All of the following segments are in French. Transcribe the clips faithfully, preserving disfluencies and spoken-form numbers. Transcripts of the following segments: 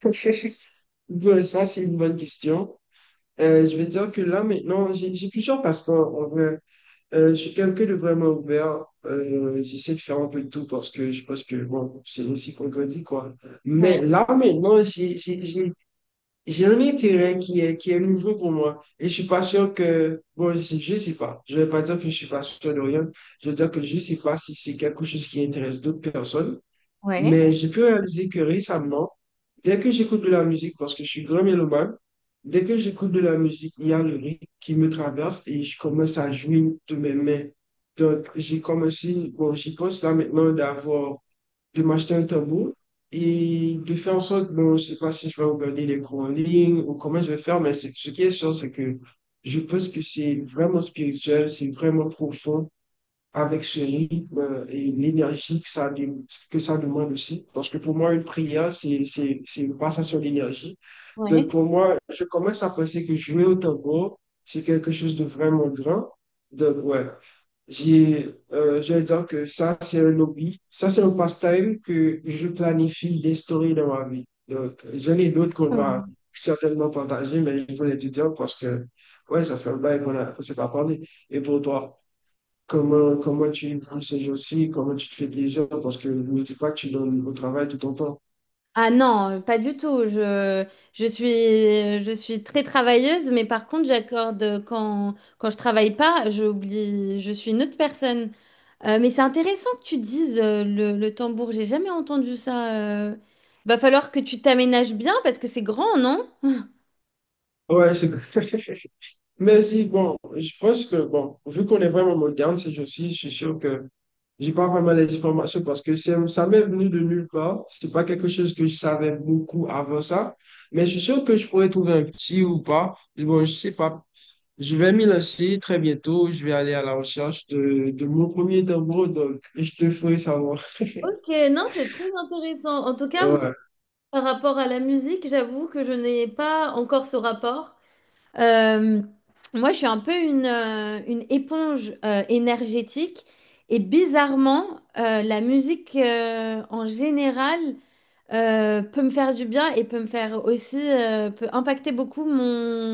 Bon, ça, c'est une bonne question. Euh, je vais dire que là, maintenant, j'ai j'ai plusieurs passe-temps. En vrai. Euh, je suis quelqu'un de vraiment ouvert. Euh, j'essaie de faire un peu de tout parce que je pense que bon, c'est aussi qu'on grandit, quoi. Ouais, Mais là, maintenant, j'ai j'ai- j'ai- j'ai un intérêt qui est, qui est nouveau pour moi. Et je suis pas sûr que... Bon, je sais, je sais pas. Je vais pas dire que je suis pas sûr de rien. Je veux dire que je sais pas si c'est quelque chose qui intéresse d'autres personnes. ouais, Mais j'ai pu réaliser que récemment, dès que j'écoute de la musique, parce que je suis grand mélomane, dès que j'écoute de la musique, il y a le rythme qui me traverse et je commence à jouer de mes mains. Donc, j'ai commencé, bon, j'y pense là maintenant d'avoir, de m'acheter un tambour et de faire en sorte, bon, je sais pas si je vais regarder les cours en ligne ou comment je vais faire, mais c'est- ce qui est sûr, c'est que je pense que c'est vraiment spirituel, c'est vraiment profond avec ce rythme et l'énergie que ça, dem- que ça demande aussi. Parce que pour moi, une prière, c'est, c'est, c'est une passation d'énergie. Donc ouais. pour moi, je commence à penser que jouer au tambour, c'est quelque chose de vraiment grand. Donc ouais, j'ai, euh, je vais dire que ça, c'est un hobby. Ça, c'est un pastime que je planifie d'instaurer dans ma vie. Donc, j'en ai d'autres qu'on va Hum. certainement partager, mais je voulais te dire parce que, ouais, ça fait un bail qu'on a- qu'on s'est pas parlé. Et pour toi? Comment, comment tu vis ces jours-ci? Comment tu te fais plaisir? Parce que ne dis pas que tu donnes au travail tout ton temps. Ah non, euh, pas du tout. Je, je suis, je suis très travailleuse, mais par contre, j'accorde euh, quand, quand je travaille pas, j'oublie, je suis une autre personne. Euh, mais c'est intéressant que tu dises euh, le, le tambour. J'ai jamais entendu ça. euh. Va falloir que tu t'aménages bien parce que c'est grand, non? Ouais, c'est Mais si, bon, je pense que, bon, vu qu'on est vraiment moderne ces jours-ci, je suis sûr que j'ai pas vraiment les informations parce que c'est- ça m'est venu de nulle part. C'est pas quelque chose que je savais beaucoup avant ça. Mais je suis sûr que je pourrais trouver un petit ou pas. Bon, je sais pas. Je vais m'y lancer très bientôt. Je vais aller à la recherche de, de mon premier tambour, donc je te ferai savoir. Mais non, c'est très intéressant. En tout cas, moi, Ouais. par rapport à la musique, j'avoue que je n'ai pas encore ce rapport. Euh, Moi, je suis un peu une, euh, une éponge euh, énergétique et bizarrement, euh, la musique euh, en général euh, peut me faire du bien et peut me faire aussi, euh, peut impacter beaucoup mon,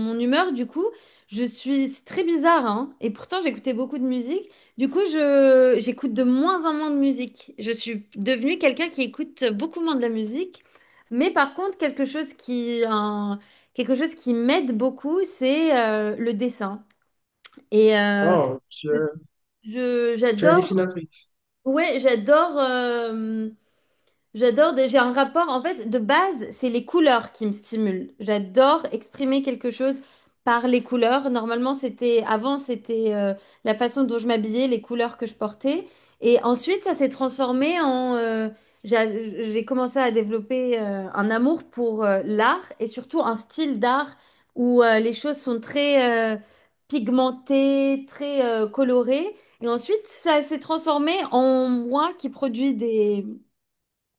mon humeur. Du coup, je suis, c'est très bizarre, hein, et pourtant j'écoutais beaucoup de musique. Du coup, je, j'écoute de moins en moins de musique. Je suis devenue quelqu'un qui écoute beaucoup moins de la musique. Mais par contre, quelque chose qui, un- quelque chose qui m'aide beaucoup, c'est euh, le dessin. Et euh, Oh, tu je, es, je- tu es j'adore, dessinatrice. ouais, j'adore. euh, J'adore, des- j'ai un rapport, en fait, de base, c'est les couleurs qui me stimulent. J'adore exprimer quelque chose par les couleurs. Normalement, c'était, avant, c'était euh, la façon dont je m'habillais, les couleurs que je portais. Et ensuite, ça s'est transformé en... euh, j'a- j'ai commencé à développer euh, un amour pour euh, l'art et surtout un style d'art où euh, les choses sont très euh, pigmentées, très euh, colorées. Et ensuite, ça s'est transformé en moi qui produit des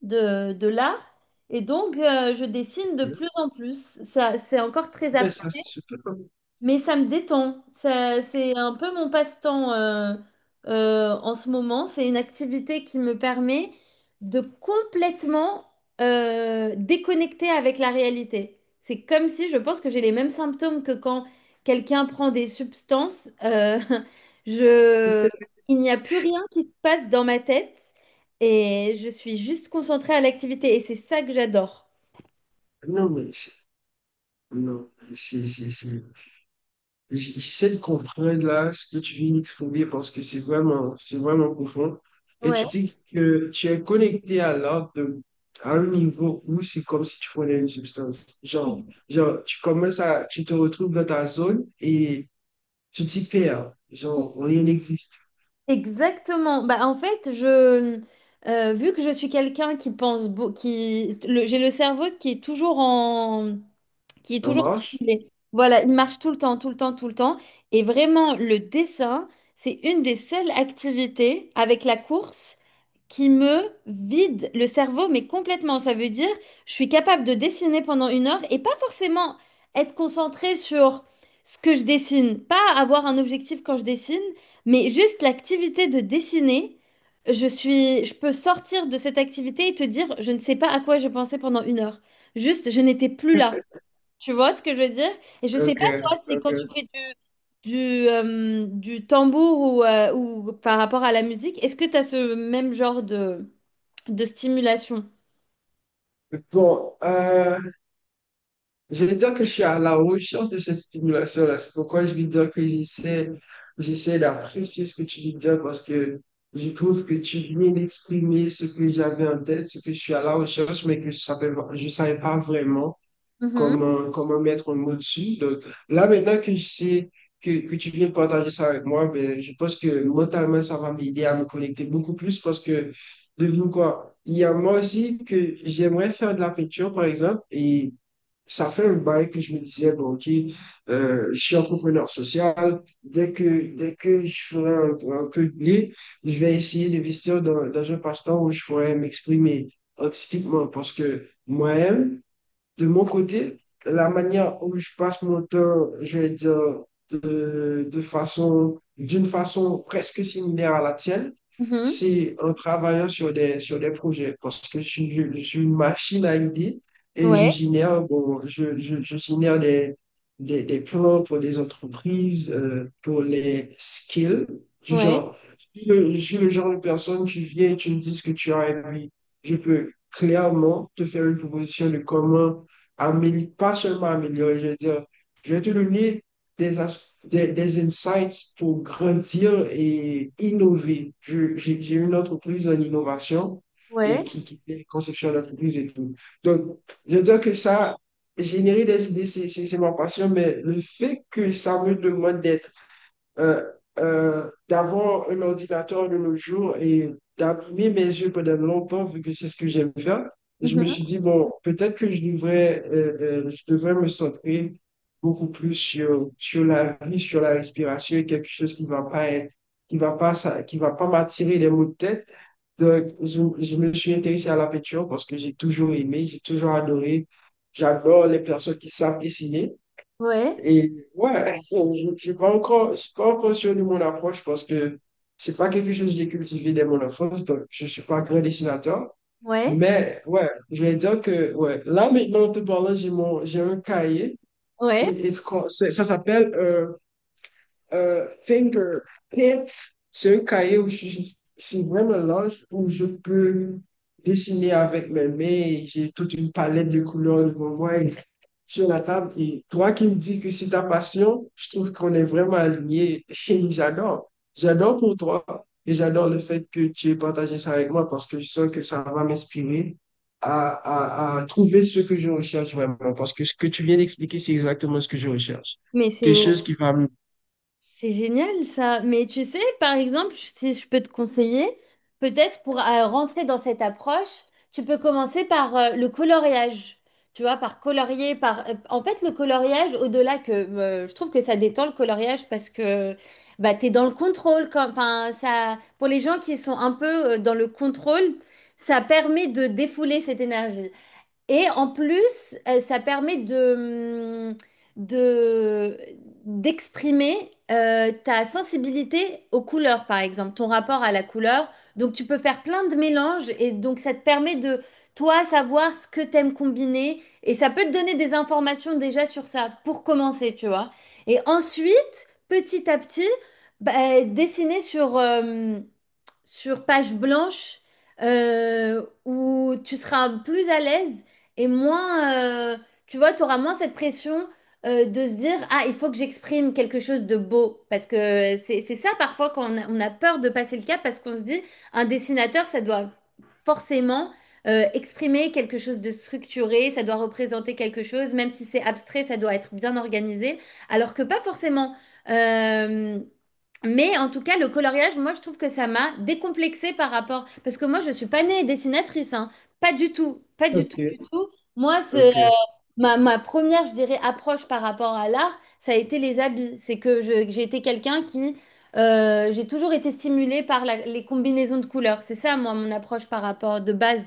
de, de l'art. Et donc, euh, je dessine de plus en plus. Ça, c'est encore très Mais abstrait. ça, c'est super. Mais ça me détend. Ça, c'est un peu mon passe-temps euh, euh, en ce moment. C'est une activité qui me permet de complètement euh, déconnecter avec la réalité. C'est comme si je pense que j'ai les mêmes symptômes que quand quelqu'un prend des substances. euh, je, il n'y a plus rien qui se passe dans ma tête et je suis juste concentrée à l'activité et c'est ça que j'adore. Non, mais c'est- non, c'est, c'est, c'est- j- j'essaie de comprendre là ce que tu viens d'exprimer parce que c'est vraiment, c'est vraiment profond. Et Ouais. tu dis que tu es connecté à l'art de- à un niveau où c'est comme si tu prenais une substance. Genre, genre, tu commences à, tu te retrouves dans ta zone et tu t'y perds. Genre, rien n'existe. Exactement. Bah, en fait, je, euh, vu que je suis quelqu'un qui pense, beau- qui, le- j'ai le cerveau qui est toujours en, qui est En toujours marche? stimulé. Voilà, il marche tout le temps, tout le temps, tout le temps. Et vraiment, le dessin, c'est une des seules activités avec la course qui me vide le cerveau, mais complètement. Ça veut dire, je suis capable de dessiner pendant une heure et pas forcément être concentrée sur ce que je dessine, pas avoir un objectif quand je dessine, mais juste l'activité de dessiner. Je suis, je peux sortir de cette activité et te dire, je ne sais pas à quoi j'ai pensé pendant une heure. Juste, je n'étais plus là. Tu vois ce que je veux dire? Et je sais Ok, pas toi si ok. quand tu fais du, du, euh, du tambour ou, euh, ou par rapport à la musique, est-ce que tu as ce même genre de, de stimulation? Bon, euh, je vais dire que je suis à la recherche de cette stimulation-là. C'est pourquoi je vais dire que j'essaie, j'essaie d'apprécier ce que tu veux dire parce que je trouve que tu viens d'exprimer ce que j'avais en tête, ce que je suis à la recherche, mais que je savais, je savais pas vraiment Mhm, comment, comment mettre un mot dessus. Donc, là, maintenant que je sais que, que tu viens de partager ça avec moi, ben, je pense que mentalement, ça va m'aider à me connecter beaucoup plus parce que, devine quoi, il y a moi aussi que j'aimerais faire de la peinture, par exemple, et ça fait un bail que je me disais, bon, OK, euh, je suis entrepreneur social. Dès que, dès que je ferai un, un peu de blé, je vais essayer d'investir dans, dans un passe-temps où je pourrais m'exprimer artistiquement parce que moi-même, de mon côté, la manière où je passe mon temps, je vais dire, de, de façon, d'une façon presque similaire à la tienne, mhm. c'est en travaillant sur des, sur des projets, parce que je, suis je- suis une machine à idées et je Ouais, génère, bon, je, je, je génère des, des, des plans pour des entreprises, euh, pour les skills, du ouais, genre, je suis le je suis le genre de personne, tu viens et tu me dis ce que tu as envie. Je peux clairement te faire une proposition de comment amé- pas seulement améliorer, je veux dire, je vais te donner des, as- des, des insights pour grandir et innover. Je- J'ai j'ai une entreprise en innovation et ouais, qui, qui fait conception d'entreprise et tout. Donc, je veux dire que ça, générer des idées, c'est c'est- c'est ma passion, mais le fait que ça me demande d'être euh, euh, d'avoir un ordinateur de nos jours et d'imprimer mes yeux pendant longtemps, vu que c'est ce que j'aime faire. Je me mhm, suis dit, bon, peut-être que je devrais, euh, euh, je devrais me centrer beaucoup plus sur, sur la vie, sur la respiration, quelque chose qui va pas être, qui va pas, ça, qui va pas m'attirer les maux de tête. Donc, je, je me suis intéressé à la peinture parce que j'ai toujours aimé, j'ai toujours adoré. J'adore les personnes qui savent dessiner. ouais, Et ouais, je ne suis pas encore, je suis pas encore sûr de mon approche parce que c'est pas quelque chose que j'ai cultivé dès mon enfance, donc je suis pas un grand dessinateur. ouais, Mais ouais, je vais dire que ouais, là maintenant, en te parlant, j'ai mon, j'ai un cahier et, ouais. et ce qu'on- c'est- ça s'appelle euh, euh, Finger Paint. C'est un cahier où je, c'est vraiment large où je peux dessiner avec mes mains. J'ai toute une palette de couleurs devant moi sur la table. Et toi qui me dis que c'est ta passion, je trouve qu'on est vraiment alignés. Et j'adore. J'adore pour toi. Et j'adore le fait que tu aies partagé ça avec moi parce que je sens que ça va m'inspirer à, à, à trouver ce que je recherche vraiment. Parce que ce que tu viens d'expliquer, c'est exactement ce que je recherche. Mais Quelque c'est... chose qui va me... C'est génial ça, mais tu sais, par exemple, si je peux te conseiller, peut-être pour euh, rentrer dans cette approche, tu peux commencer par euh, le coloriage. Tu vois, par colorier, par... euh, en fait, le coloriage, au-delà que euh, je trouve que ça détend le coloriage parce que bah, tu es dans le contrôle. Quand... Enfin, ça... Pour les gens qui sont un peu euh, dans le contrôle, ça permet de défouler cette énergie. Et en plus, euh, ça permet de, mm, de, d'exprimer euh, ta sensibilité aux couleurs, par exemple, ton rapport à la couleur. Donc, tu peux faire plein de mélanges et donc, ça te permet de, toi, savoir ce que t'aimes combiner. Et ça peut te donner des informations déjà sur ça pour commencer, tu vois. Et ensuite, petit à petit, bah, dessiner sur... euh, sur page blanche euh, où tu seras plus à l'aise et moins, euh, tu vois, tu auras moins cette pression euh, de se dire, ah, il faut que j'exprime quelque chose de beau. Parce que c'est, c'est ça parfois quand on a, on a peur de passer le cap parce qu'on se dit, un dessinateur, ça doit forcément euh, exprimer quelque chose de structuré, ça doit représenter quelque chose, même si c'est abstrait, ça doit être bien organisé, alors que pas forcément. Euh, mais en tout cas, le coloriage, moi, je trouve que ça m'a décomplexée par rapport. Parce que moi, je ne suis pas née dessinatrice, hein. Pas du tout. Pas du tout, du Ok, tout. Moi, c'est ok. Ma, ma première, je dirais, approche par rapport à l'art, ça a été les habits. C'est que je- que j'ai été quelqu'un qui, euh, j'ai toujours été stimulée par la- les combinaisons de couleurs. C'est ça, moi, mon approche par rapport de base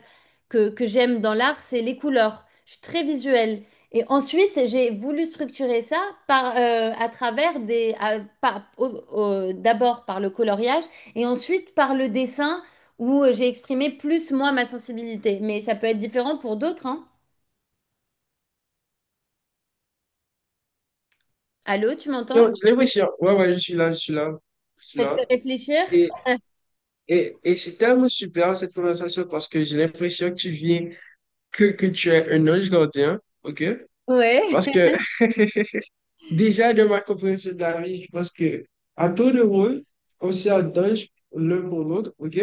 que, que j'aime dans l'art, c'est les couleurs. Je suis très visuelle. Et ensuite, j'ai voulu structurer ça par, euh, à travers des, à- par- au- au- d'abord par le coloriage et ensuite par le dessin où j'ai exprimé plus, moi, ma sensibilité. Mais ça peut être différent pour d'autres, hein. Allô, tu m'entends? Non, j'ai l'impression. Ouais, ouais, je suis là, je suis là. Je suis Ça te là. fait réfléchir? Et, et, et c'est tellement super cette conversation parce que j'ai l'impression que tu viens que, que tu es un ange gardien, ok? Ouais. Parce que déjà de ma compréhension de la vie, je pense que à tour de rôle, on sert d'ange l'un pour l'autre, ok?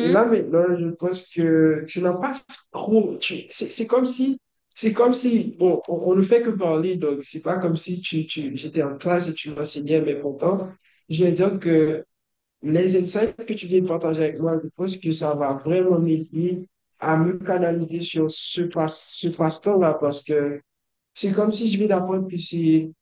Et là maintenant, je pense que tu n'as pas trop. tu- C'est c'est comme si, c'est comme si, bon, on, on ne fait que parler, donc c'est pas comme si tu, tu, j'étais en classe et tu m'enseignais, mais pourtant, je vais dire que les insights que tu viens de partager avec moi, je pense que ça va vraiment m'aider à me canaliser sur ce passe, ce passe-temps-là parce que c'est comme si je viens d'apprendre que c'est,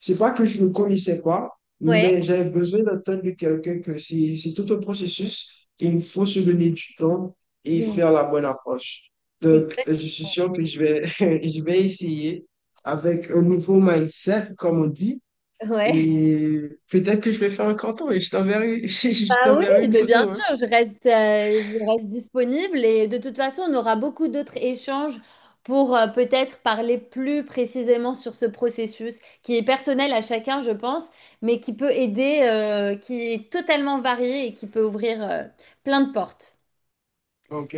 c'est pas que je ne connaissais pas, Ouais. mais j'avais besoin d'entendre de quelqu'un que c'est, c'est tout un processus et il faut se donner du temps et Oui. faire la bonne approche. Donc, je suis Exactement. sûr que je vais, je vais essayer avec un nouveau mindset, comme on dit Ouais. et peut-être que je vais faire un canton et je t'enverrai, je Bah oui, t'enverrai une mais bien photo, hein. sûr, je reste, euh, je reste disponible et de toute façon, on aura beaucoup d'autres échanges pour euh, peut-être parler plus précisément sur ce processus qui est personnel à chacun, je pense, mais qui peut aider, euh, qui est totalement varié et qui peut ouvrir, euh, plein de portes. Ok,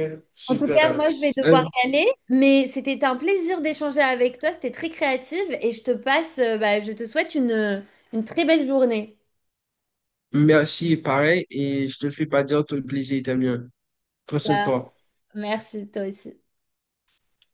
En tout cas, super. moi, je vais devoir Euh, y aller, mais c'était un plaisir d'échanger avec toi. C'était très créative, et je te passe, euh, bah, je te souhaite une, une très belle journée. merci, pareil, et je te le fais pas dire, tout le plaisir était mien. Prends soin de Ah, toi. merci, toi aussi.